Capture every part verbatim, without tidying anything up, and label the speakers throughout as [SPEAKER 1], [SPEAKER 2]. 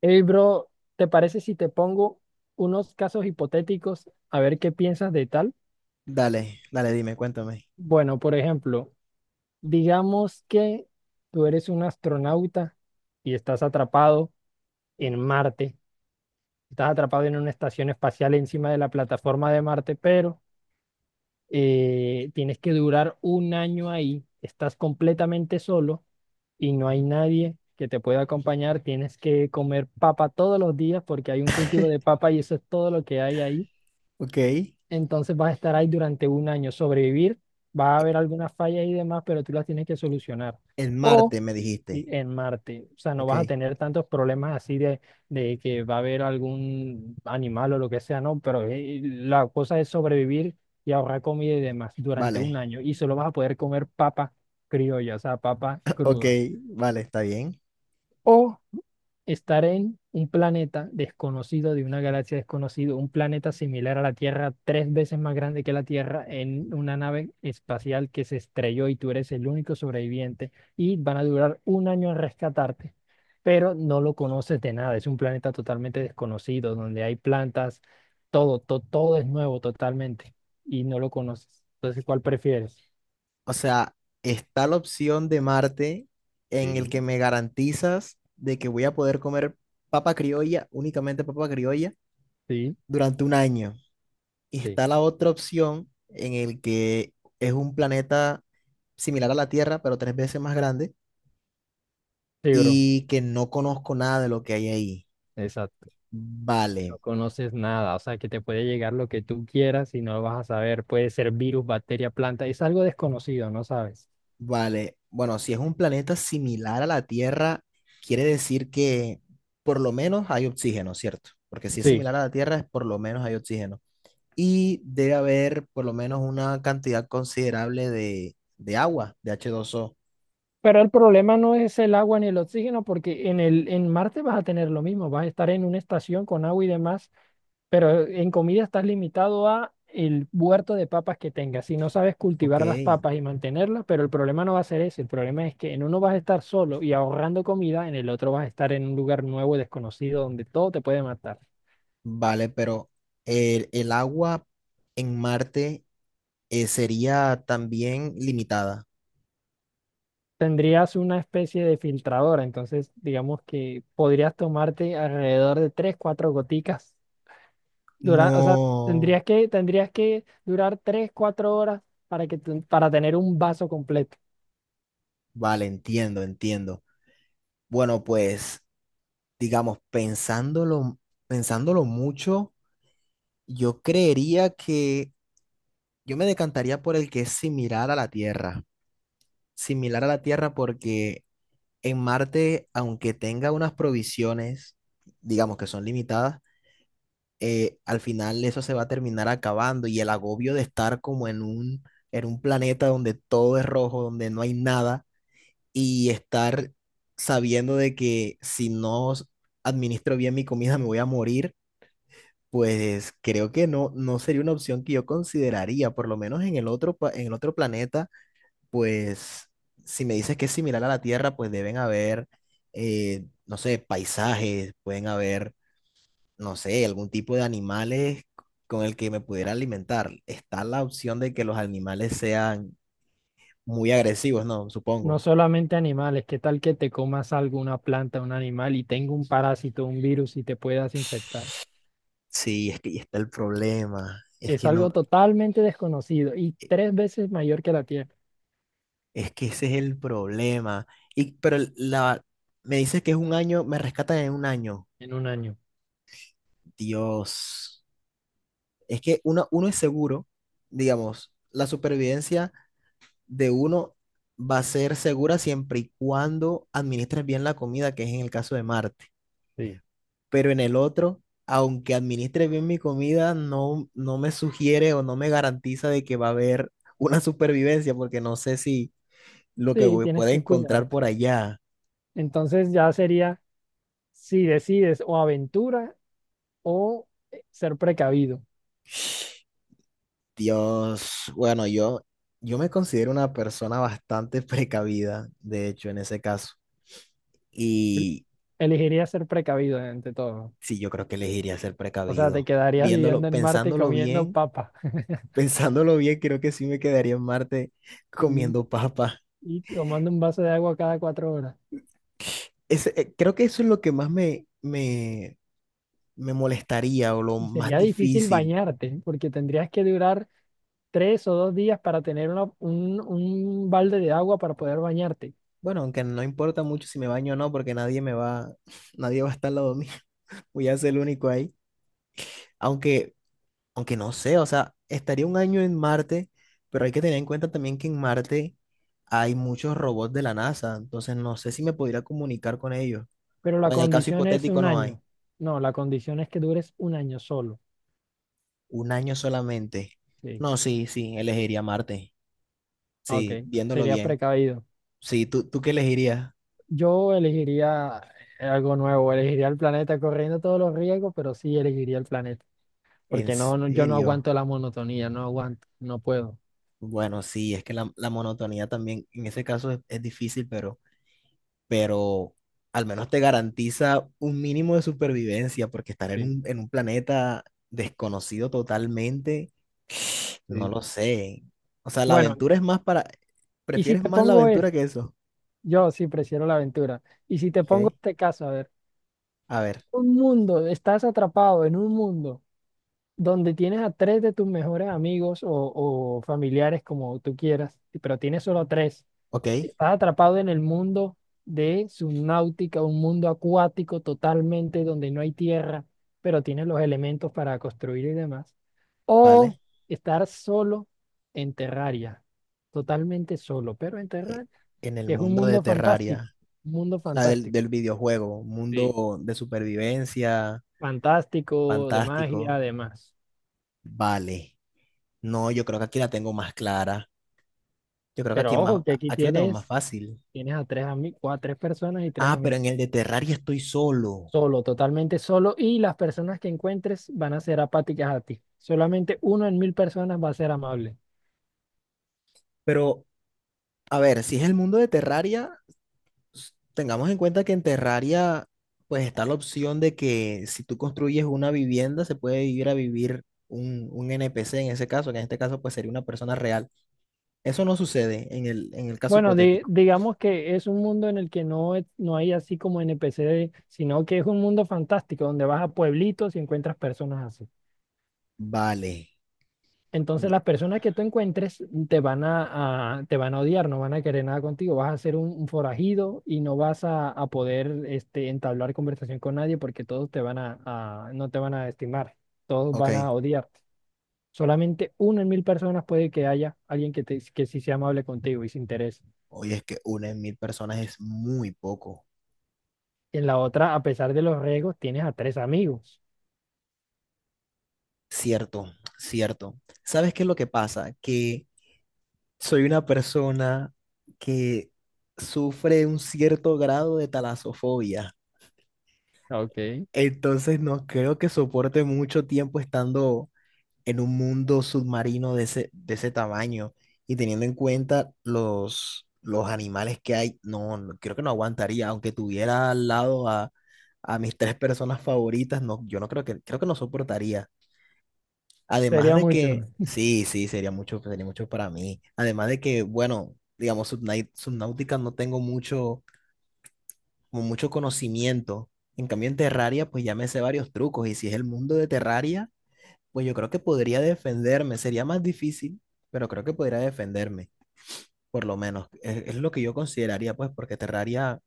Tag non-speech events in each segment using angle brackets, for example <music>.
[SPEAKER 1] Hey, bro, ¿te parece si te pongo unos casos hipotéticos a ver qué piensas de tal?
[SPEAKER 2] Dale, dale, dime, cuéntame.
[SPEAKER 1] Bueno, por ejemplo, digamos que tú eres un astronauta y estás atrapado en Marte, estás atrapado en una estación espacial encima de la plataforma de Marte, pero eh, tienes que durar un año ahí, estás completamente solo y no hay nadie que te pueda acompañar, tienes que comer papa todos los días porque hay un cultivo de papa y eso es todo lo que hay ahí.
[SPEAKER 2] Ok. e-
[SPEAKER 1] Entonces vas a estar ahí durante un año, sobrevivir, va a haber algunas fallas y demás, pero tú las tienes que solucionar.
[SPEAKER 2] El
[SPEAKER 1] O
[SPEAKER 2] martes me
[SPEAKER 1] sí,
[SPEAKER 2] dijiste.
[SPEAKER 1] en Marte, o sea, no vas a
[SPEAKER 2] Ok.
[SPEAKER 1] tener tantos problemas así de, de que va a haber algún animal o lo que sea, no, pero eh, la cosa es sobrevivir y ahorrar comida y demás durante un
[SPEAKER 2] Vale.
[SPEAKER 1] año. Y solo vas a poder comer papa criolla, o sea, papa
[SPEAKER 2] Ok,
[SPEAKER 1] cruda.
[SPEAKER 2] vale, está bien.
[SPEAKER 1] O estar en un planeta desconocido, de una galaxia desconocida, un planeta similar a la Tierra, tres veces más grande que la Tierra, en una nave espacial que se estrelló y tú eres el único sobreviviente y van a durar un año en rescatarte, pero no lo conoces de nada, es un planeta totalmente desconocido, donde hay plantas, todo, to- todo es nuevo totalmente y no lo conoces. Entonces, ¿cuál prefieres?
[SPEAKER 2] O sea, está la opción de Marte en el que
[SPEAKER 1] Sí,
[SPEAKER 2] me garantizas de que voy a poder comer papa criolla, únicamente papa criolla,
[SPEAKER 1] sí,
[SPEAKER 2] durante un año. Y
[SPEAKER 1] sí.
[SPEAKER 2] está la otra opción en el que es un planeta similar a la Tierra, pero tres veces más grande
[SPEAKER 1] Sí, bro,
[SPEAKER 2] y que no conozco nada de lo que hay ahí.
[SPEAKER 1] exacto. No
[SPEAKER 2] Vale.
[SPEAKER 1] conoces nada, o sea que te puede llegar lo que tú quieras y no lo vas a saber. Puede ser virus, bacteria, planta, es algo desconocido, no sabes.
[SPEAKER 2] Vale, bueno, si es un planeta similar a la Tierra, quiere decir que por lo menos hay oxígeno, ¿cierto? Porque si es
[SPEAKER 1] Sí,
[SPEAKER 2] similar a la Tierra, es por lo menos hay oxígeno. Y debe haber por lo menos una cantidad considerable de, de agua, de h dos o.
[SPEAKER 1] pero el problema no es el agua ni el oxígeno, porque en el, en Marte vas a tener lo mismo, vas a estar en una estación con agua y demás, pero en comida estás limitado a el huerto de papas que tengas. Si no sabes
[SPEAKER 2] Ok,
[SPEAKER 1] cultivar las papas y mantenerlas, pero el problema no va a ser ese, el problema es que en uno vas a estar solo y ahorrando comida, en el otro vas a estar en un lugar nuevo, y desconocido, donde todo te puede matar.
[SPEAKER 2] vale, pero el, el agua en Marte eh, sería también limitada.
[SPEAKER 1] Tendrías una especie de filtradora, entonces digamos que podrías tomarte alrededor de tres cuatro goticas. Dura, o sea,
[SPEAKER 2] No,
[SPEAKER 1] tendrías que, tendrías que durar tres cuatro horas para que tu- para tener un vaso completo.
[SPEAKER 2] vale, entiendo, entiendo. Bueno, pues, digamos, pensándolo, pensándolo mucho, yo creería que yo me decantaría por el que es similar a la Tierra. Similar a la Tierra porque en Marte, aunque tenga unas provisiones, digamos que son limitadas, eh, al final eso se va a terminar acabando y el agobio de estar como en un, en un planeta donde todo es rojo, donde no hay nada y estar sabiendo de que si no administro bien mi comida me voy a morir. Pues creo que no, no sería una opción que yo consideraría, por lo menos en el otro, pa- en el otro planeta, pues si me dices que es similar a la Tierra, pues deben haber, eh, no sé, paisajes, pueden haber, no sé, algún tipo de animales con el que me pudiera alimentar. Está la opción de que los animales sean muy agresivos, ¿no?
[SPEAKER 1] No
[SPEAKER 2] Supongo.
[SPEAKER 1] solamente animales, ¿qué tal que te comas algo, una planta, un animal y tenga un parásito, un virus y te puedas infectar?
[SPEAKER 2] Sí, es que ahí está el problema. Es
[SPEAKER 1] Es
[SPEAKER 2] que
[SPEAKER 1] algo
[SPEAKER 2] no.
[SPEAKER 1] totalmente desconocido y
[SPEAKER 2] eh,
[SPEAKER 1] tres veces mayor que la Tierra
[SPEAKER 2] Es que ese es el problema. Y, pero la, Me dices que es un año, me rescatan en un año.
[SPEAKER 1] en un año.
[SPEAKER 2] Dios. Es que uno, uno es seguro, digamos, la supervivencia de uno va a ser segura siempre y cuando administres bien la comida, que es en el caso de Marte.
[SPEAKER 1] Sí.
[SPEAKER 2] Pero en el otro, aunque administre bien mi comida, no, no me sugiere o no me garantiza de que va a haber una supervivencia, porque no sé si lo que
[SPEAKER 1] Sí,
[SPEAKER 2] voy-
[SPEAKER 1] tienes
[SPEAKER 2] pueda
[SPEAKER 1] que
[SPEAKER 2] encontrar
[SPEAKER 1] cuidarte.
[SPEAKER 2] por allá.
[SPEAKER 1] Entonces ya sería si decides o aventura o eh, ser precavido.
[SPEAKER 2] Dios, bueno, yo, yo me considero una persona bastante <laughs> precavida, de hecho, en ese caso. Y
[SPEAKER 1] Elegiría ser precavido ante todo.
[SPEAKER 2] sí, yo creo que elegiría ser
[SPEAKER 1] O sea, te
[SPEAKER 2] precavido.
[SPEAKER 1] quedarías
[SPEAKER 2] Viéndolo,
[SPEAKER 1] viviendo en Marte y
[SPEAKER 2] pensándolo
[SPEAKER 1] comiendo
[SPEAKER 2] bien,
[SPEAKER 1] papa,
[SPEAKER 2] <laughs> pensándolo bien, creo que sí me quedaría en Marte
[SPEAKER 1] <laughs> comiendo
[SPEAKER 2] comiendo papa.
[SPEAKER 1] y tomando un vaso de agua cada cuatro horas.
[SPEAKER 2] Ese, eh, creo que eso es lo que más me, me, me molestaría o lo
[SPEAKER 1] Y
[SPEAKER 2] más
[SPEAKER 1] sería difícil
[SPEAKER 2] difícil.
[SPEAKER 1] bañarte porque tendrías que durar tres o dos días para tener una- un, un balde de agua para poder bañarte.
[SPEAKER 2] Bueno, aunque no importa mucho si me baño o no, porque nadie me va, <laughs> nadie va a estar al lado mío. <laughs> Voy a ser el único ahí. Aunque Aunque no sé, o sea, estaría un año en Marte, pero hay que tener en cuenta también que en Marte hay muchos robots de la NASA, entonces no sé si me podría comunicar con ellos.
[SPEAKER 1] Pero la
[SPEAKER 2] O en el caso
[SPEAKER 1] condición es
[SPEAKER 2] hipotético
[SPEAKER 1] un
[SPEAKER 2] no hay,
[SPEAKER 1] año. No, la condición es que dures un año solo.
[SPEAKER 2] un año solamente.
[SPEAKER 1] Sí.
[SPEAKER 2] No, sí, sí, elegiría Marte.
[SPEAKER 1] Ok,
[SPEAKER 2] Sí, viéndolo
[SPEAKER 1] sería
[SPEAKER 2] bien.
[SPEAKER 1] precavido.
[SPEAKER 2] Sí, ¿tú, tú qué elegirías?
[SPEAKER 1] Yo elegiría eh, algo nuevo, elegiría el planeta corriendo todos los riesgos, pero sí elegiría el planeta,
[SPEAKER 2] ¿En
[SPEAKER 1] porque no, no- yo no
[SPEAKER 2] serio?
[SPEAKER 1] aguanto la monotonía, no aguanto, no puedo.
[SPEAKER 2] Bueno, sí, es que la, la monotonía también en ese caso es, es difícil, pero pero al menos te garantiza un mínimo de supervivencia, porque estar en
[SPEAKER 1] Sí,
[SPEAKER 2] un, en un planeta desconocido totalmente, no
[SPEAKER 1] sí.
[SPEAKER 2] lo sé. O sea, la
[SPEAKER 1] Bueno,
[SPEAKER 2] aventura es más para.
[SPEAKER 1] y si
[SPEAKER 2] Prefieres
[SPEAKER 1] te
[SPEAKER 2] más la
[SPEAKER 1] pongo es,
[SPEAKER 2] aventura que eso,
[SPEAKER 1] yo sí prefiero la aventura. Y si te
[SPEAKER 2] ¿ok?
[SPEAKER 1] pongo este caso, a ver,
[SPEAKER 2] A ver,
[SPEAKER 1] un mundo, estás atrapado en un mundo donde tienes a tres de tus mejores amigos o, o familiares, como tú quieras, pero tienes solo tres.
[SPEAKER 2] ok,
[SPEAKER 1] Estás atrapado en el mundo de subnáutica, un mundo acuático totalmente donde no hay tierra, pero tienes los elementos para construir y demás. O
[SPEAKER 2] vale.
[SPEAKER 1] estar solo en Terraria, totalmente solo, pero en
[SPEAKER 2] eh,
[SPEAKER 1] Terraria,
[SPEAKER 2] En el
[SPEAKER 1] que es un
[SPEAKER 2] mundo de
[SPEAKER 1] mundo fantástico,
[SPEAKER 2] Terraria,
[SPEAKER 1] un mundo
[SPEAKER 2] o sea, del,
[SPEAKER 1] fantástico.
[SPEAKER 2] del videojuego,
[SPEAKER 1] Sí.
[SPEAKER 2] mundo de supervivencia,
[SPEAKER 1] Fantástico, de magia,
[SPEAKER 2] fantástico,
[SPEAKER 1] además.
[SPEAKER 2] vale. No, yo creo que aquí la tengo más clara. Yo creo que aquí
[SPEAKER 1] Pero
[SPEAKER 2] es más,
[SPEAKER 1] ojo, que aquí
[SPEAKER 2] aquí la tengo más
[SPEAKER 1] tienes,
[SPEAKER 2] fácil.
[SPEAKER 1] tienes a tres amigos, a tres personas y tres
[SPEAKER 2] Ah, pero
[SPEAKER 1] amigos.
[SPEAKER 2] en el de Terraria estoy solo.
[SPEAKER 1] Solo, totalmente solo. Y las personas que encuentres van a ser apáticas a ti. Solamente uno en mil personas va a ser amable.
[SPEAKER 2] Pero, a ver, si es el mundo de Terraria, s- tengamos en cuenta que en Terraria, pues está la opción de que si tú construyes una vivienda, se puede ir a vivir un, un N P C en ese caso, que en este caso, pues sería una persona real. Eso no sucede en el, en el caso
[SPEAKER 1] Bueno, di-
[SPEAKER 2] hipotético.
[SPEAKER 1] digamos que es un mundo en el que no, es- no hay así como N P C, sino que es un mundo fantástico donde vas a pueblitos y encuentras personas así.
[SPEAKER 2] Vale.
[SPEAKER 1] Entonces
[SPEAKER 2] no-
[SPEAKER 1] las personas que tú encuentres te van a, a- te van a odiar, no van a querer nada contigo, vas a ser un, un forajido y no vas a, a poder este, entablar conversación con nadie porque todos te van a, a- no te van a estimar, todos
[SPEAKER 2] ok.
[SPEAKER 1] van a odiar. Solamente uno en mil personas puede que haya alguien que, te- que sí sea amable contigo y se interese.
[SPEAKER 2] Oye, es que una en mil personas es muy poco.
[SPEAKER 1] En la otra, a pesar de los riesgos, tienes a tres amigos.
[SPEAKER 2] Cierto, cierto. ¿Sabes qué es lo que pasa? Que soy una persona que sufre un cierto grado de talasofobia,
[SPEAKER 1] Ok.
[SPEAKER 2] entonces no creo que soporte mucho tiempo estando en un mundo submarino de ese, de ese tamaño y teniendo en cuenta los, los animales que hay, no, no- creo que no aguantaría, aunque tuviera al lado a, a mis tres personas favoritas, no, yo no creo que, creo que no soportaría. Además
[SPEAKER 1] Sería
[SPEAKER 2] de
[SPEAKER 1] mucho.
[SPEAKER 2] que,
[SPEAKER 1] <laughs>
[SPEAKER 2] sí, sí, sería mucho, sería mucho para mí. Además de que, bueno, digamos, Subnai- Subnautica no tengo mucho, como mucho conocimiento. En cambio, en Terraria, pues ya me sé varios trucos. Y si es el mundo de Terraria, pues yo creo que podría defenderme. Sería más difícil, pero creo que podría defenderme, por lo menos. Es, es lo que yo consideraría, pues, porque Terraria,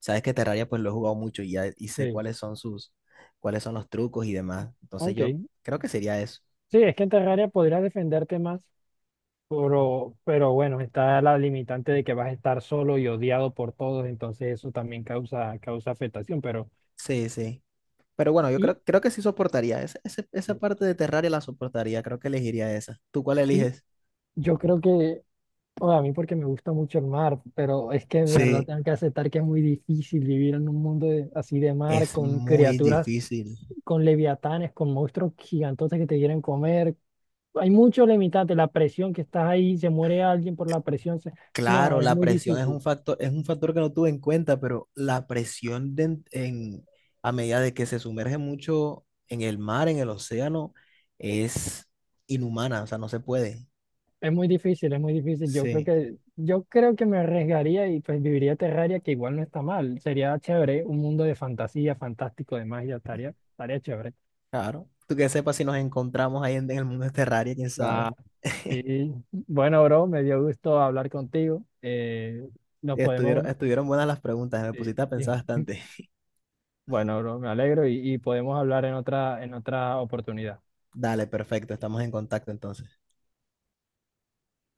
[SPEAKER 2] sabes que Terraria, pues lo he jugado mucho y ya y sé
[SPEAKER 1] Sí,
[SPEAKER 2] cuáles son sus, cuáles son los trucos y demás. Entonces
[SPEAKER 1] ok.
[SPEAKER 2] yo creo que sería eso.
[SPEAKER 1] Sí, es que en Terraria podrías defenderte más, pero, pero bueno, está la limitante de que vas a estar solo y odiado por todos, entonces eso también causa, causa afectación, pero
[SPEAKER 2] Sí, sí. Pero bueno, yo
[SPEAKER 1] y,
[SPEAKER 2] creo, creo que sí soportaría. Esa, esa, esa parte de Terraria la soportaría. Creo que elegiría esa. ¿Tú cuál
[SPEAKER 1] y
[SPEAKER 2] eliges?
[SPEAKER 1] yo creo que o a mí porque me gusta mucho el mar, pero es que de verdad
[SPEAKER 2] Sí,
[SPEAKER 1] tengo que aceptar que es muy difícil vivir en un mundo de- así de mar,
[SPEAKER 2] es
[SPEAKER 1] con
[SPEAKER 2] muy
[SPEAKER 1] criaturas,
[SPEAKER 2] difícil.
[SPEAKER 1] con leviatanes, con monstruos gigantotes que te quieren comer. Hay mucho limitante, la presión que estás ahí, se muere alguien por la presión. se- No,
[SPEAKER 2] Claro,
[SPEAKER 1] es
[SPEAKER 2] la
[SPEAKER 1] muy
[SPEAKER 2] presión es un
[SPEAKER 1] difícil,
[SPEAKER 2] factor, es un factor que no tuve en cuenta, pero la presión de en, en- a medida de que se sumerge mucho en el mar, en el océano, es inhumana. O sea, no se puede.
[SPEAKER 1] es muy difícil, es muy difícil. Yo creo
[SPEAKER 2] Sí.
[SPEAKER 1] que, yo creo que me arriesgaría y pues viviría Terraria, que igual no está mal. Sería chévere, un mundo de fantasía, fantástico, de magia, estaría, estaría chévere.
[SPEAKER 2] Claro. Tú que sepas si nos encontramos ahí en, en el mundo de Terraria, quién sabe. <laughs>
[SPEAKER 1] Sí, bueno, bro, me dio gusto hablar contigo. Eh, nos
[SPEAKER 2] Estuvieron,
[SPEAKER 1] podemos,
[SPEAKER 2] estuvieron buenas las preguntas. Me
[SPEAKER 1] sí,
[SPEAKER 2] pusiste a pensar
[SPEAKER 1] sí.
[SPEAKER 2] bastante.
[SPEAKER 1] Bueno, bro, me alegro y, y podemos hablar en otra, en otra oportunidad.
[SPEAKER 2] Dale, perfecto, estamos en contacto entonces.